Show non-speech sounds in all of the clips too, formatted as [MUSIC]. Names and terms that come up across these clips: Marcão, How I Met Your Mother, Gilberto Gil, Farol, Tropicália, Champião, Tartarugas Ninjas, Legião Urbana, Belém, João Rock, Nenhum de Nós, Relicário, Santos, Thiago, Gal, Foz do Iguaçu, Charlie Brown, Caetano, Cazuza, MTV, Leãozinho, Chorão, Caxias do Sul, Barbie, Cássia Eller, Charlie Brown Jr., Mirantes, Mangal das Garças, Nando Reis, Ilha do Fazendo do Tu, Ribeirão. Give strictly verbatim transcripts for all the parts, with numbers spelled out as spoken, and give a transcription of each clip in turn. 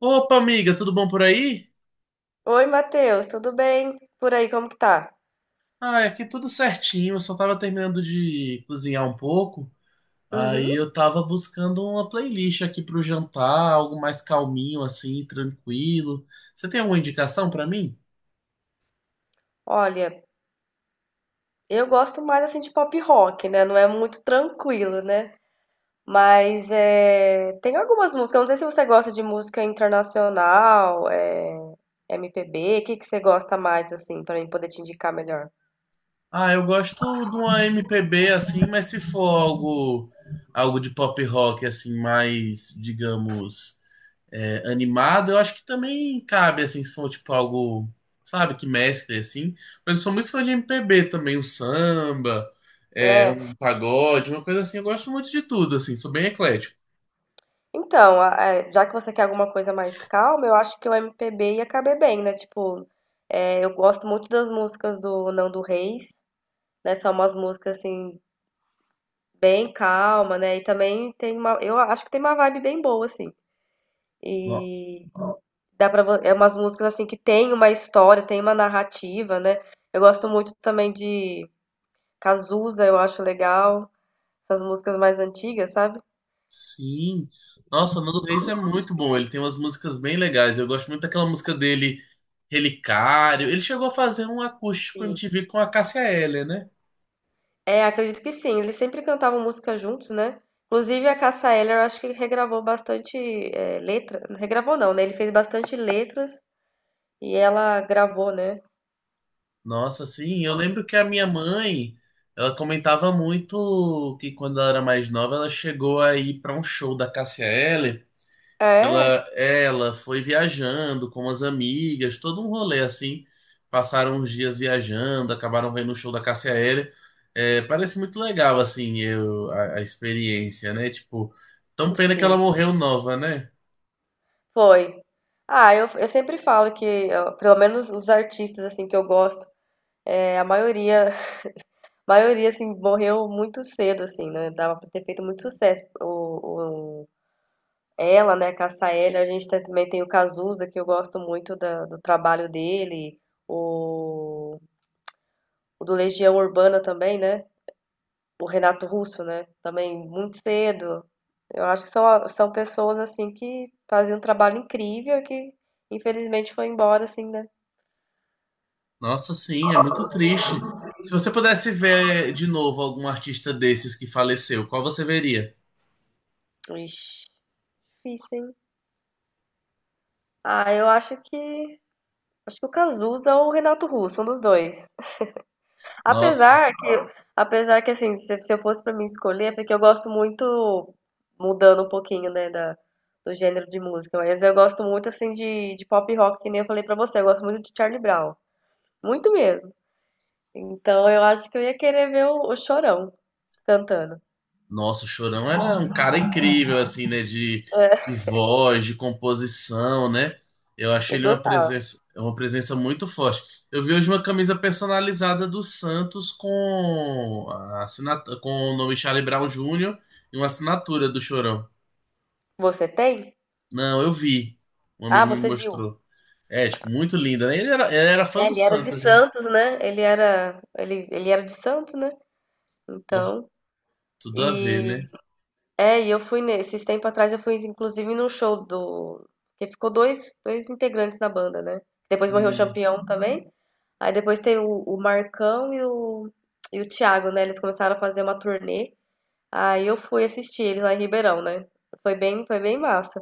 Opa, amiga, tudo bom por aí? Oi, Matheus, tudo bem? Por aí, como que tá? Ah, aqui tudo certinho. Eu só tava terminando de cozinhar um pouco. Aí Uhum. eu tava buscando uma playlist aqui pro jantar, algo mais calminho, assim, tranquilo. Você tem alguma indicação pra mim? Olha, eu gosto mais assim de pop rock, né? Não é muito tranquilo, né? Mas é... tem algumas músicas. Eu Não sei se você gosta de música internacional, é... M P B, o que que você gosta mais assim, pra mim poder te indicar melhor? Ah, eu gosto de uma M P B assim, mas se for algo, algo de pop rock, assim, mais, digamos. É, animado, eu acho que também cabe, assim, se for tipo algo, sabe, que mescle, assim. Mas eu sou muito fã de M P B também, o samba, é, É, um pagode, uma coisa assim. Eu gosto muito de tudo, assim, sou bem eclético. então, a- a- já que você quer alguma coisa mais calma, eu acho que o M P B ia caber bem, né? Tipo, é, eu gosto muito das músicas do Nando Reis, né? São umas músicas assim bem calma, né, e também tem uma eu acho que tem uma vibe bem boa, assim. No- E dá para, é umas músicas, assim, que tem uma história, tem uma narrativa, né. Eu gosto muito também de Cazuza, eu acho legal, essas músicas mais antigas, sabe. Sim. Nossa, o Nando Reis é muito bom, ele tem umas músicas bem legais. Eu gosto muito daquela música dele, Relicário. Ele chegou a fazer um acústico Sim. M T V com a Cássia Eller, né? É, acredito que sim, eles sempre cantavam música juntos, né. Inclusive a Cássia Eller eu acho que regravou bastante, eh, letra regravou não, né, ele fez bastante letras e ela gravou, né. Nossa, sim, eu lembro que a minha mãe, ela comentava muito que quando ela era mais nova, ela chegou a ir para um show da Cássia Eller, ela, É? ela foi viajando com as amigas, todo um rolê assim, passaram uns dias viajando, acabaram vendo o show da Cássia Eller. É, parece muito legal, assim, eu, a, a experiência, né, tipo, tão pena que ela Sim. morreu nova, né? Foi. Ah, eu, eu sempre falo que, ó, pelo menos os artistas assim que eu gosto, é, a maioria, [LAUGHS] a maioria assim morreu muito cedo assim, né? Dava pra ter feito muito sucesso. O, o- ela, né, Cassaelli, a gente tem- também tem o Cazuza, que eu gosto muito da- do trabalho dele, o, o do Legião Urbana também, né? O Renato Russo, né? Também muito cedo. Eu acho que são, a- são pessoas assim que faziam um trabalho incrível e que infelizmente foi embora assim, né? Nossa, sim, é muito triste. Se você pudesse ver de novo algum artista desses que faleceu, qual você veria? Ixi. Difícil, hein? Ah, eu acho que. Acho que o Cazuza ou o Renato Russo, um dos dois. Nossa, Apesar que, apesar que assim, se, se eu fosse pra mim escolher, é porque eu gosto muito, mudando um pouquinho, né, da, do gênero de música, mas eu gosto muito, assim, de, de pop rock, que nem eu falei pra você, eu gosto muito de Charlie Brown. Muito mesmo. Então eu acho que eu ia querer ver o, o Chorão cantando. nossa, o Chorão era um cara incrível, assim, né? De, É, de voz, de composição, né? Eu achei eu ele uma gostava. presença, uma presença muito forte. Eu vi hoje uma camisa personalizada do Santos com, a assinat- com o nome Charlie Brown júnior e uma assinatura do Chorão. Você tem? Não, eu vi. Um Ah, amigo me você viu? mostrou. É, tipo, muito linda, né? Ele era, ele era fã É, do ele era de Santos, né? Santos, né? Ele era, ele, ele era de Santos, né? Pô, Então, tudo a ver, e né? é, e eu fui nesses tempo atrás eu fui inclusive num show do que ficou dois, dois integrantes na banda, né? Depois morreu o Hum, Champião também. Aí depois tem o, o Marcão e o e o Thiago, né? Eles começaram a fazer uma turnê. Aí eu fui assistir eles lá em Ribeirão, né? Foi bem, foi bem massa.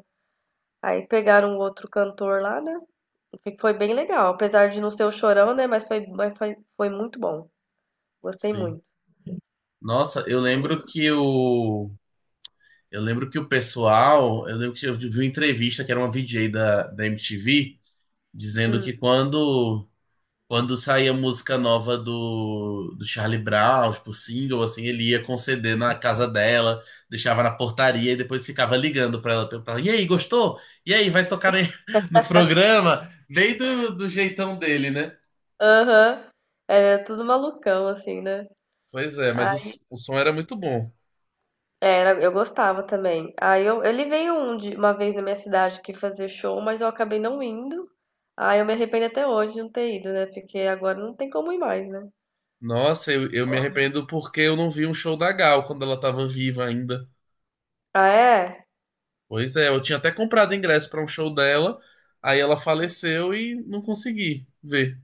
Aí pegaram um outro cantor lá, né? Foi bem legal, apesar de não ser o Chorão, né? Mas foi, mas foi, foi muito bom. Gostei sim. muito. Nossa, eu lembro que o. Eu lembro que o pessoal. Eu lembro que eu vi uma entrevista que era uma V J da, da M T V dizendo que Hum. quando quando saía música nova do, do Charlie Brown, tipo single, assim, ele ia com C D na casa dela, deixava na portaria e depois ficava ligando pra ela, perguntava: E aí, gostou? E aí, vai tocar aí [LAUGHS] no programa? Bem do, do jeitão dele, né? Aham. Era tudo malucão, assim, né? Pois é, mas o, Ai, s- o som era muito bom. era, eu gostava também. Aí eu, ele veio um de, uma vez na minha cidade que fazer show, mas eu acabei não indo. Aí eu me arrependo até hoje de não ter ido, né? Porque agora não tem como ir mais, né? Nossa, eu, eu me arrependo porque eu não vi um show da Gal quando ela tava viva ainda. Ah, é? Pois é, eu tinha até comprado ingresso pra um show dela, aí ela faleceu e não consegui ver.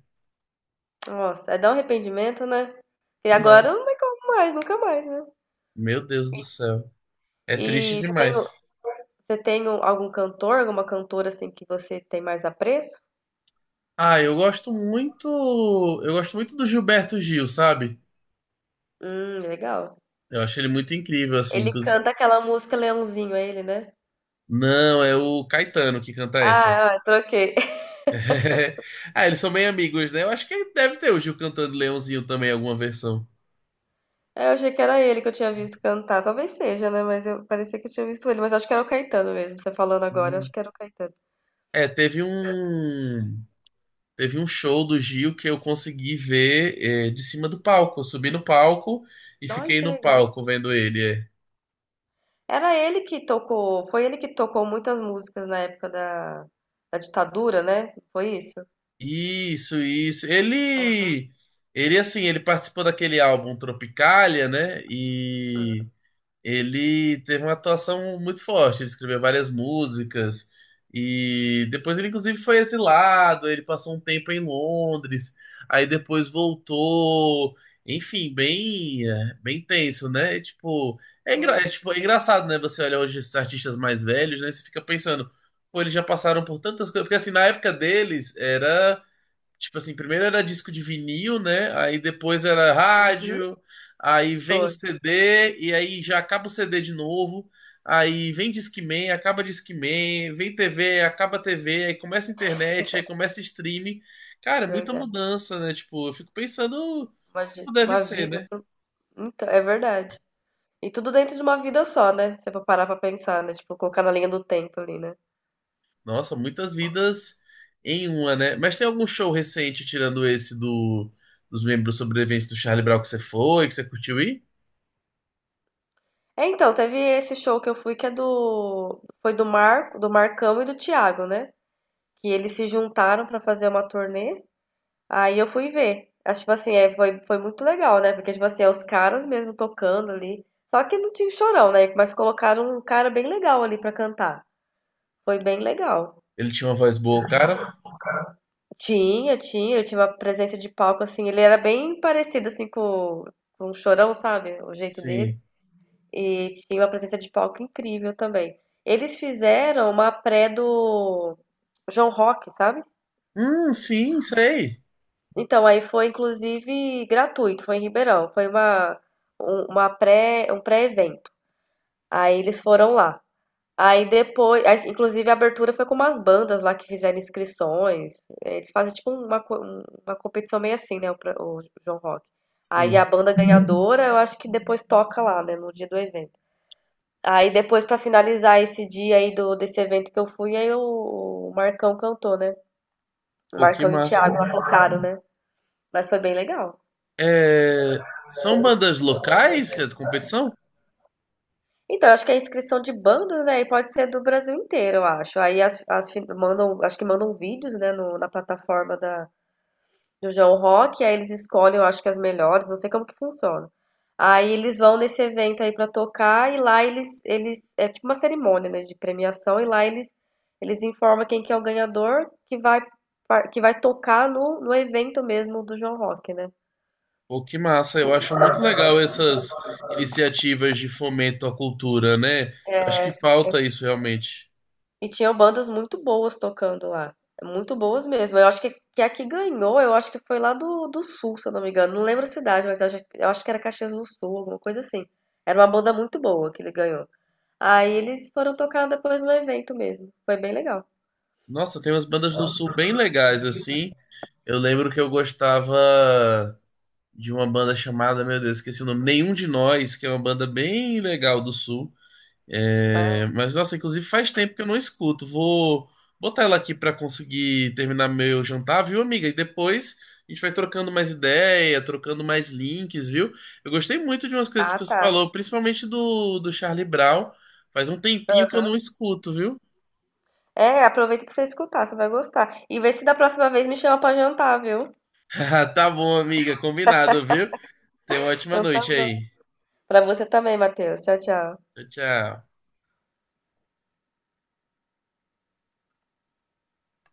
Nossa, é dar um arrependimento, né? E Não, agora não tem como mais, nunca mais, né? meu Deus do céu. É triste E você tem, demais. você tem um- algum cantor, alguma cantora assim que você tem mais apreço? Ah, eu gosto muito. Eu gosto muito do Gilberto Gil, sabe? Hum, legal. Eu acho ele muito incrível, assim. Ele inclu- canta aquela música Leãozinho, é ele, né? Não, é o Caetano que canta essa. Ah, ah, troquei. [LAUGHS] [LAUGHS] Ah, eles são bem amigos, né? Eu acho que ele deve ter o Gil cantando Leãozinho também, alguma versão. Eu achei que era ele que eu tinha visto cantar. Talvez seja, né? Mas eu parecia que eu tinha visto ele. Mas acho que era o Caetano mesmo, você falando agora. Acho Sim. que era o Caetano. É, teve um. Teve um show do Gil que eu consegui ver, eh, de cima do palco. Eu subi no palco e Olha fiquei que no legal. palco vendo ele. É. Era ele que tocou. Foi ele que tocou muitas músicas na época da, da ditadura, né? Foi isso? Isso, isso. Aham, Ele, ele assim, ele participou daquele álbum Tropicália, né? E aham, ele teve uma atuação muito forte. Ele escreveu várias músicas e depois ele inclusive foi exilado. Ele passou um tempo em Londres, aí depois voltou. Enfim, bem, é, bem tenso, né? E, tipo, é, engra- é, sim. tipo, é engraçado, né? Você olha hoje esses artistas mais velhos, né? Você fica pensando, pô, eles já passaram por tantas coisas. Porque assim, na época deles era tipo assim, primeiro era disco de vinil, né? Aí depois era Uhum, rádio, aí vem o foi, C D, e aí já acaba o C D de novo. Aí vem Discman, acaba Discman, vem T V, acaba T V, aí começa a internet, aí começa streaming. Cara, muita verdade. mudança, né? Tipo, eu fico pensando Uma, como di- deve uma ser, vida. né? Então, é verdade. E tudo dentro de uma vida só, né? Se você for parar pra pensar, né? Tipo, colocar na linha do tempo ali, né? Nossa, muitas vidas em uma, né? Mas tem algum show recente, tirando esse do, dos membros sobreviventes do Charlie Brown que você foi, que você curtiu ir? É, então, teve esse show que eu fui que é do foi do Marco, do Marcão e do Thiago, né? Que eles se juntaram pra fazer uma turnê. Aí eu fui ver. Acho tipo assim, é, foi foi muito legal, né? Porque tipo assim, é os caras mesmo tocando ali. Só que não tinha o Chorão, né? Mas colocaram um cara bem legal ali pra cantar. Foi bem legal. Ele tinha uma voz boa, cara. Tinha, tinha, ele tinha uma presença de palco assim, ele era bem parecido assim com, com o Chorão, sabe? O jeito dele. Sim. E tinha uma presença de palco incrível também. Eles fizeram uma pré do João Rock, sabe? Hum, sim, sei. Então, aí foi inclusive gratuito, foi em Ribeirão, foi uma, um, uma pré, um pré-evento. Aí eles foram lá. Aí depois, aí, inclusive a abertura foi com umas bandas lá que fizeram inscrições. Eles fazem tipo uma, co- uma competição meio assim, né? O, pra- o João Rock. Aí a Sim. banda ganhadora, eu acho que depois toca lá, né? No dia do evento. Aí depois pra finalizar esse dia aí do desse evento que eu fui, aí o, o Marcão cantou, né? O Pô, que Marcão e o massa. Thiago lá tocaram, né? Mas foi bem legal. É, são bandas locais que é de competição? Então, eu acho que é inscrição de bandas, né? E pode ser do Brasil inteiro, eu acho. Aí as, as fin- mandam, acho que mandam vídeos, né, no- na plataforma da, do João Rock, aí eles escolhem, eu acho que as melhores, não sei como que funciona. Aí eles vão nesse evento aí pra tocar e lá eles eles é tipo uma cerimônia, né, de premiação e lá eles eles informam quem que é o ganhador que vai par- que vai tocar no, no evento mesmo do João Rock, né? Pô, que massa. Eu acho muito legal essas iniciativas de fomento à cultura, né? Eu acho que falta isso realmente. E tinham bandas muito boas tocando lá. Muito boas mesmo. Eu acho que, que a que ganhou, eu acho que foi lá do, do Sul, se eu não me engano. Não lembro a cidade, mas eu acho, eu acho que era Caxias do Sul, alguma coisa assim. Era uma banda muito boa que ele ganhou. Aí eles foram tocar depois no evento mesmo. Foi bem legal. Nossa, tem umas bandas do Sul bem legais, assim. Eu lembro que eu gostava de uma banda chamada, meu Deus, esqueci o nome, Nenhum de Nós, que é uma banda bem legal do Sul. Ah, É, mas, nossa, inclusive faz tempo que eu não escuto. Vou botar ela aqui pra conseguir terminar meu jantar, viu, amiga? E depois a gente vai trocando mais ideia, trocando mais links, viu? Eu gostei muito de umas coisas que ah, você tá. falou, principalmente do, do Charlie Brown. Faz um tempinho que eu Aham. não escuto, viu? É, aproveita pra você escutar, você vai gostar. E vê se da próxima vez me chama pra jantar, viu? [LAUGHS] Tá bom, amiga, combinado, viu? Tenha uma ótima Então tá noite bom. aí. Pra você também, Matheus. Tchau, tchau. Tchau, tchau.